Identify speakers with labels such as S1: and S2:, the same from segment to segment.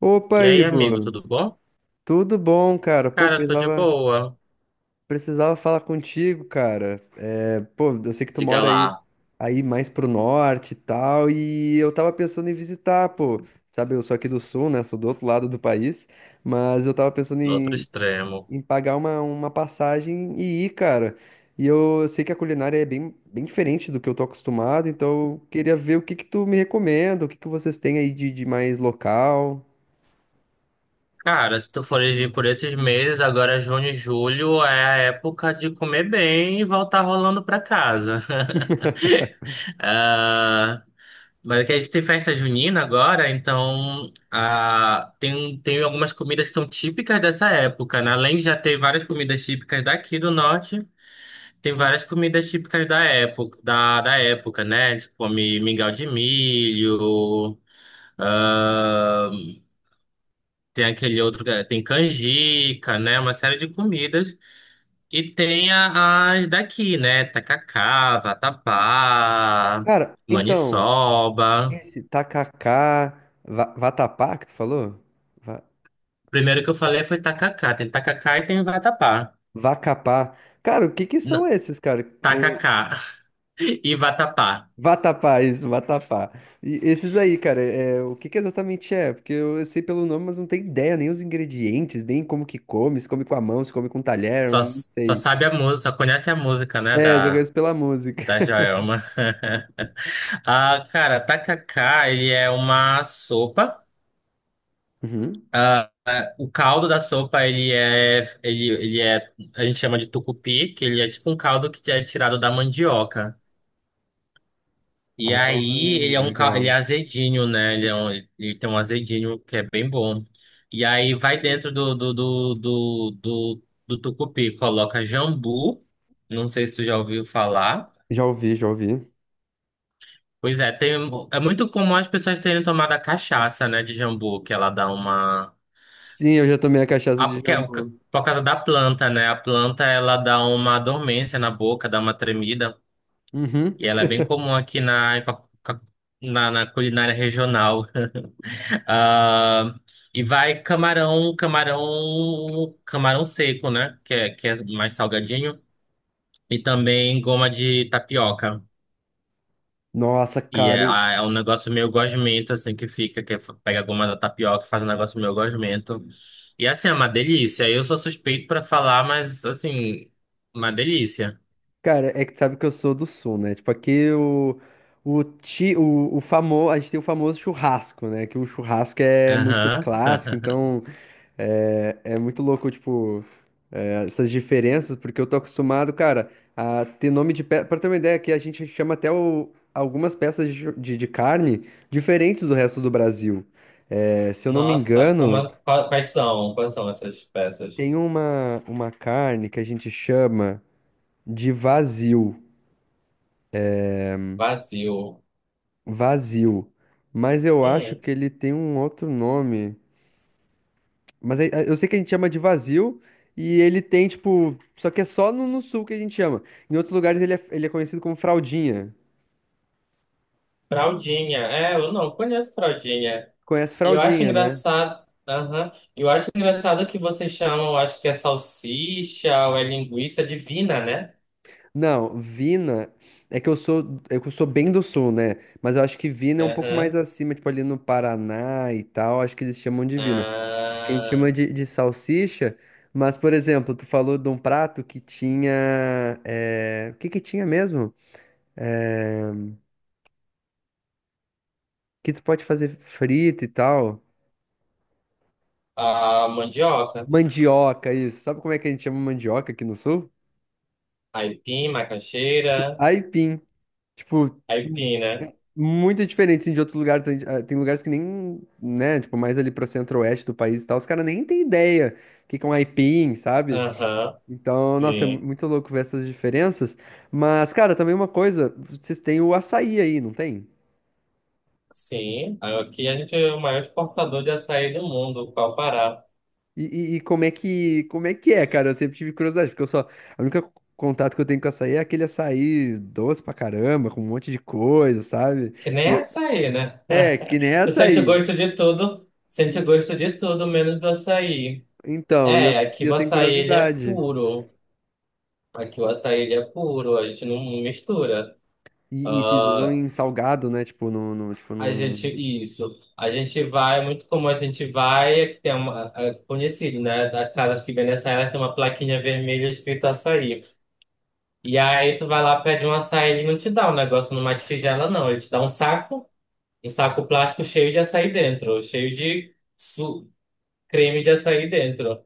S1: Opa,
S2: E aí, amigo,
S1: Ivo,
S2: tudo bom?
S1: tudo bom, cara? Pô,
S2: Cara, tô de boa.
S1: precisava falar contigo, cara. Pô, eu sei que tu
S2: Diga
S1: mora
S2: lá,
S1: aí mais pro norte e tal, e eu tava pensando em visitar, pô. Sabe, eu sou aqui do sul, né? Sou do outro lado do país, mas eu tava pensando
S2: no outro extremo.
S1: em pagar uma passagem e ir, cara. Sei que a culinária é bem diferente do que eu tô acostumado, então eu queria ver o que que tu me recomenda, o que que vocês têm aí de mais local.
S2: Cara, se tu fores vir por esses meses, agora é junho e julho é a época de comer bem e voltar rolando pra casa. Ah, mas é que a gente tem festa junina agora, então tem algumas comidas que são típicas dessa época, né? Além de já ter várias comidas típicas daqui do norte. Tem várias comidas típicas da época, né? Eles comem mingau de milho, ah, tem aquele outro, é, tem canjica, né? Uma série de comidas. E tem as daqui, né? Tacacá, vatapá,
S1: Cara, então.
S2: maniçoba.
S1: Esse tacacá, vatapá que tu falou? Va-
S2: Primeiro que eu falei foi tacacá. Tem tacacá e tem vatapá.
S1: Vacapá. Cara, o que que
S2: Não,
S1: são esses, cara? Eu...
S2: tacacá e vatapá.
S1: Vatapá, isso, vatapá. E esses aí, cara, é... o que que exatamente é? Porque eu sei pelo nome, mas não tenho ideia nem os ingredientes, nem como que come, se come com a mão, se come com um talher, eu
S2: Só,
S1: não
S2: só
S1: sei.
S2: sabe a música, só conhece a música, né?
S1: É, só
S2: Da,
S1: conheço pela música.
S2: da Joelma. Ah, cara, tacacá, ele é uma sopa.
S1: Uhum.
S2: O caldo da sopa, ele é, ele é, a gente chama de tucupi, que ele é tipo um caldo que é tirado da mandioca. E
S1: Ah,
S2: aí, ele é um caldo, ele é
S1: legal.
S2: azedinho, né? Ele tem um azedinho que é bem bom. E aí, vai dentro do tucupi, coloca jambu, não sei se tu já ouviu falar.
S1: Já ouvi, já ouvi.
S2: Pois é, é muito comum as pessoas terem tomado a cachaça, né, de jambu, que ela dá uma.
S1: Sim, eu já tomei a cachaça
S2: Ah,
S1: de
S2: porque,
S1: jambu.
S2: por causa da planta, né? A planta ela dá uma dormência na boca, dá uma tremida.
S1: Uhum.
S2: E ela é bem comum aqui na, em co- co- na, na culinária regional. Ah, e vai camarão seco, né? Que é mais salgadinho. E também goma de tapioca.
S1: Nossa,
S2: E
S1: cara,
S2: é, ah, é um negócio meio gosmento, assim, que fica, pega a goma da tapioca e faz um negócio meio gosmento. E assim, é uma delícia. Eu sou suspeito pra falar, mas assim, uma delícia.
S1: cara, é que tu sabe que eu sou do sul, né? Tipo, aqui o famoso, a gente tem o famoso churrasco, né? Que o churrasco é muito
S2: Aham.
S1: clássico, então é muito louco, tipo, é, essas diferenças, porque eu tô acostumado, cara, a ter nome de peça. Pra ter uma ideia, aqui a gente chama até algumas peças de carne diferentes do resto do Brasil. É, se eu não me
S2: Nossa, como,
S1: engano,
S2: quais são? Quais são essas peças?
S1: tem uma carne que a gente chama de vazio.
S2: Vazio.
S1: Vazio. Mas eu acho
S2: Hum,
S1: que ele tem um outro nome. Eu sei que a gente chama de vazio e ele tem, tipo. Só que é só no sul que a gente chama. Em outros lugares ele é conhecido como fraldinha.
S2: fraldinha. É, eu não conheço fraldinha.
S1: Conhece
S2: E eu acho
S1: fraldinha, né?
S2: engraçado. Aham. Eu acho engraçado que vocês chamam, acho que é salsicha ou é linguiça divina, né?
S1: Não, Vina é que eu sou bem do sul, né? Mas eu acho que Vina é um pouco mais
S2: Aham.
S1: acima, tipo ali no Paraná e tal, acho que eles chamam de Vina. Que a gente
S2: Ah,
S1: chama de salsicha, mas por exemplo, tu falou de um prato que tinha, é, o que que tinha mesmo? É, que tu pode fazer frita e tal.
S2: a mandioca.
S1: Mandioca, isso. Sabe como é que a gente chama mandioca aqui no sul?
S2: Aipim, macaxeira.
S1: Aipim. Tipo,
S2: Aipim, né?
S1: muito diferente assim, de outros lugares. Ah, tem lugares que nem, né? Tipo, mais ali pro centro-oeste do país e tal. Os caras nem têm ideia o que que é um aipim, sabe?
S2: Aham,
S1: Então, nossa, é
S2: sim.
S1: muito louco ver essas diferenças. Mas, cara, também uma coisa, vocês têm o açaí aí, não tem?
S2: Sim. Aqui a gente é o maior exportador de açaí do mundo, qual o Pará.
S1: E, e como é que é, cara? Eu sempre tive curiosidade, porque eu só, a única contato que eu tenho com açaí é aquele açaí doce pra caramba, com um monte de coisa, sabe?
S2: Que nem
S1: E
S2: é
S1: eu-
S2: açaí, né?
S1: É, que nem
S2: Tu sente o
S1: açaí.
S2: gosto de tudo, sente o gosto de tudo, menos do açaí.
S1: Então,
S2: É, aqui
S1: e
S2: o
S1: eu tenho
S2: açaí ele é
S1: curiosidade.
S2: puro. Aqui o açaí ele é puro, a gente não mistura.
S1: E vocês usam em salgado, né? Tipo, tipo,
S2: A
S1: num...
S2: gente, isso. A gente vai, é muito como a gente vai, é que tem uma, é conhecido, né? Das casas que vendem açaí, elas têm uma plaquinha vermelha escrito açaí. E aí tu vai lá, pede um açaí, ele não te dá um negócio numa tigela, não. Ele te dá um saco plástico cheio de açaí dentro, cheio de creme de açaí dentro.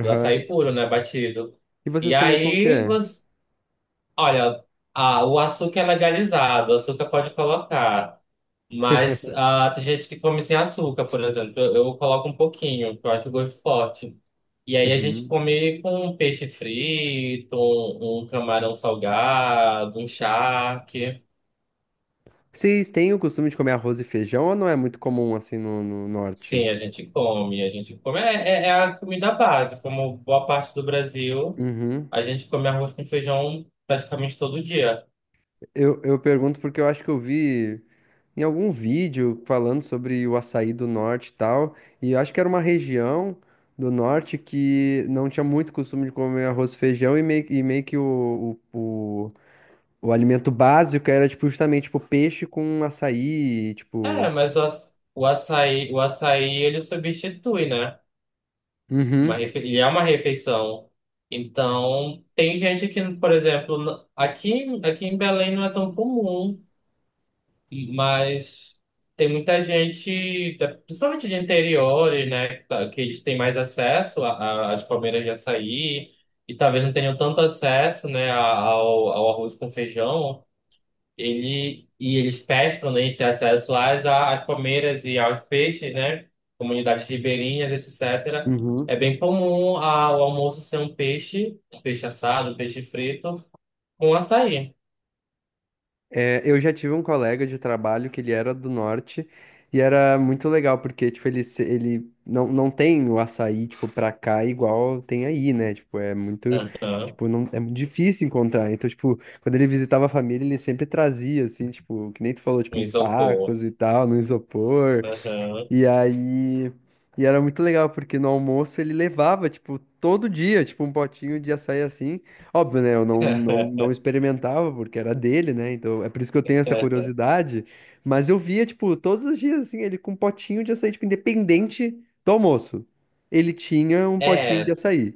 S2: Do açaí puro, né? Batido.
S1: E
S2: E
S1: vocês comem como que
S2: aí
S1: é?
S2: você, olha, o açúcar é legalizado, o açúcar pode colocar. Mas tem gente que come sem açúcar, por exemplo. Eu coloco um pouquinho, porque eu acho o gosto forte. E aí a gente
S1: Uhum.
S2: come com um peixe frito, um camarão salgado, um charque.
S1: Vocês têm o costume de comer arroz e feijão ou não é muito comum assim no norte?
S2: Sim, a gente come, a gente come. É, é a comida base, como boa parte do Brasil,
S1: Uhum.
S2: a gente come arroz com feijão praticamente todo dia.
S1: Eu pergunto porque eu acho que eu vi em algum vídeo falando sobre o açaí do norte e tal. E eu acho que era uma região do norte que não tinha muito costume de comer arroz e feijão e meio que o alimento básico era, tipo, justamente, tipo, peixe com açaí,
S2: É,
S1: tipo...
S2: mas o açaí ele substitui, né?
S1: Uhum,
S2: E é uma refeição. Então, tem gente que, por exemplo, aqui em Belém não é tão comum, mas tem muita gente, principalmente de interior, né, que eles têm mais acesso às palmeiras de açaí e talvez não tenham tanto acesso, né, ao arroz com feijão. E eles pescam, né, eles têm acesso às palmeiras e aos peixes, né? Comunidades ribeirinhas, etc. É
S1: uhum.
S2: bem comum o almoço ser um peixe assado, um peixe frito, com açaí.
S1: É, eu já tive um colega de trabalho que ele era do norte e era muito legal, porque, tipo, ele, se- ele não, não tem o açaí, tipo, pra cá igual tem aí, né? Tipo, é muito,
S2: Aham,
S1: tipo, não, é muito difícil encontrar. Então, tipo, quando ele visitava a família, ele sempre trazia, assim, tipo, que nem tu falou, tipo,
S2: um
S1: em
S2: isopor.
S1: sacos e tal, no isopor.
S2: Aham.
S1: E aí. E era muito legal, porque no almoço ele levava, tipo, todo dia, tipo, um potinho de açaí assim. Óbvio, né? Eu não experimentava, porque era dele, né? Então é por isso que eu tenho essa curiosidade. Mas eu via, tipo, todos os dias, assim, ele com um potinho de açaí, tipo, independente do almoço. Ele tinha um potinho de
S2: É,
S1: açaí.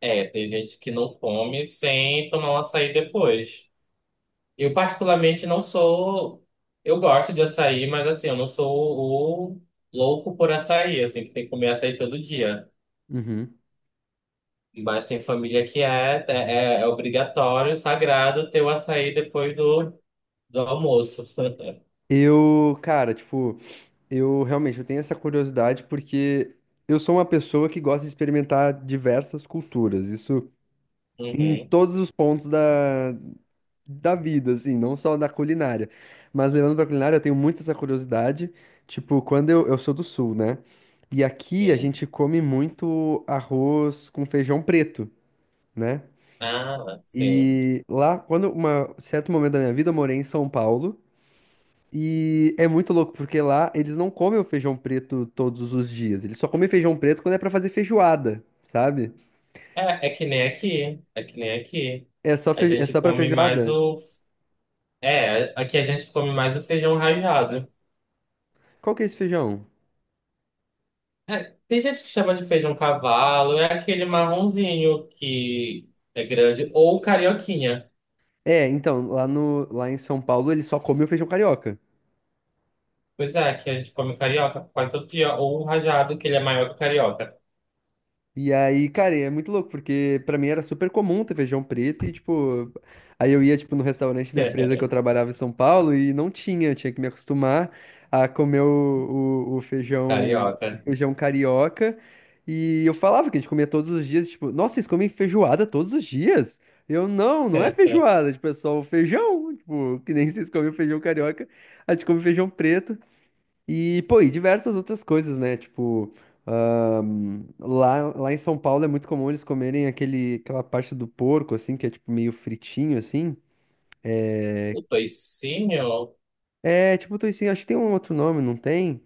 S2: é, tem gente que não come sem tomar um açaí depois. Eu particularmente não sou. Eu gosto de açaí, mas assim, eu não sou o louco por açaí, assim, que tem que comer açaí todo dia.
S1: Uhum.
S2: Mas tem família que é obrigatório, sagrado, ter o açaí depois do almoço.
S1: Eu, cara, tipo, eu realmente eu tenho essa curiosidade porque eu sou uma pessoa que gosta de experimentar diversas culturas. Isso. Em
S2: Uhum,
S1: todos os pontos da vida, assim, não só da culinária. Mas levando pra culinária, eu tenho muito essa curiosidade. Tipo, eu sou do sul, né? E aqui a
S2: sim.
S1: gente come muito arroz com feijão preto, né?
S2: Ah, sim.
S1: E lá, quando uma certo momento da minha vida, eu morei em São Paulo. E é muito louco, porque lá eles não comem o feijão preto todos os dias. Eles só comem feijão preto quando é pra fazer feijoada, sabe?
S2: É, é que nem aqui. É que nem aqui.
S1: É só,
S2: A
S1: feijo... é
S2: gente
S1: só pra
S2: come mais
S1: feijoada?
S2: o. É, aqui a gente come mais o feijão ralado.
S1: Qual que é esse feijão?
S2: É, tem gente que chama de feijão cavalo, é aquele marronzinho que é grande, ou carioquinha.
S1: É, então, lá no, lá em São Paulo ele só come o feijão carioca.
S2: Pois é, que a gente come carioca quase todo dia, ou o rajado, que ele é maior que o carioca.
S1: E aí, cara, é muito louco, porque pra mim era super comum ter feijão preto e, tipo, aí eu ia, tipo, no restaurante da empresa que eu trabalhava em São Paulo e não tinha, eu tinha que me acostumar a comer
S2: Carioca.
S1: o feijão carioca. E eu falava que a gente comia todos os dias, tipo, nossa, vocês comem feijoada todos os dias? Eu, não, não é feijoada, tipo, é só o feijão, tipo, que nem vocês comem o feijão carioca, a gente come feijão preto. E, pô, e diversas outras coisas, né? Tipo, lá em São Paulo é muito comum eles comerem aquela parte do porco, assim, que é tipo meio fritinho, assim.
S2: O toicinho,
S1: É, tipo, toicinho, acho que tem um outro nome, não tem?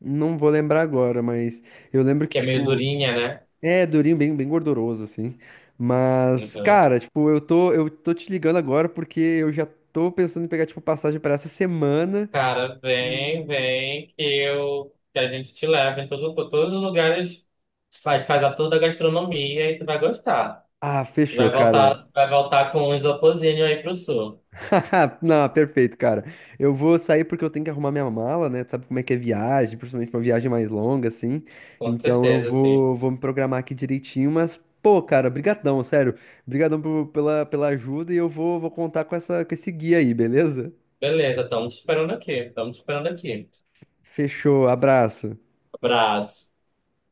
S1: Não vou lembrar agora, mas eu lembro que,
S2: que é meio
S1: tipo,
S2: durinha, né?
S1: é durinho, bem gorduroso, assim. Mas,
S2: Uhum.
S1: cara, tipo, eu tô te ligando agora porque eu já tô pensando em pegar, tipo, passagem pra essa semana.
S2: Cara, vem, vem, que a gente te leva por todos os lugares, faz a toda a gastronomia e tu vai gostar.
S1: Ah,
S2: Tu
S1: fechou,
S2: vai
S1: cara.
S2: voltar, vai voltar com um isopozinho aí pro sul,
S1: Não, perfeito, cara. Eu vou sair porque eu tenho que arrumar minha mala, né? Tu sabe como é que é viagem, principalmente uma viagem mais longa, assim.
S2: com
S1: Então eu
S2: certeza, sim.
S1: vou me programar aqui direitinho, mas, pô, cara, brigadão, sério. Brigadão pela ajuda e eu vou contar com essa, com esse guia aí, beleza?
S2: Beleza, estamos esperando aqui. Estamos esperando aqui.
S1: Fechou, abraço.
S2: Abraço.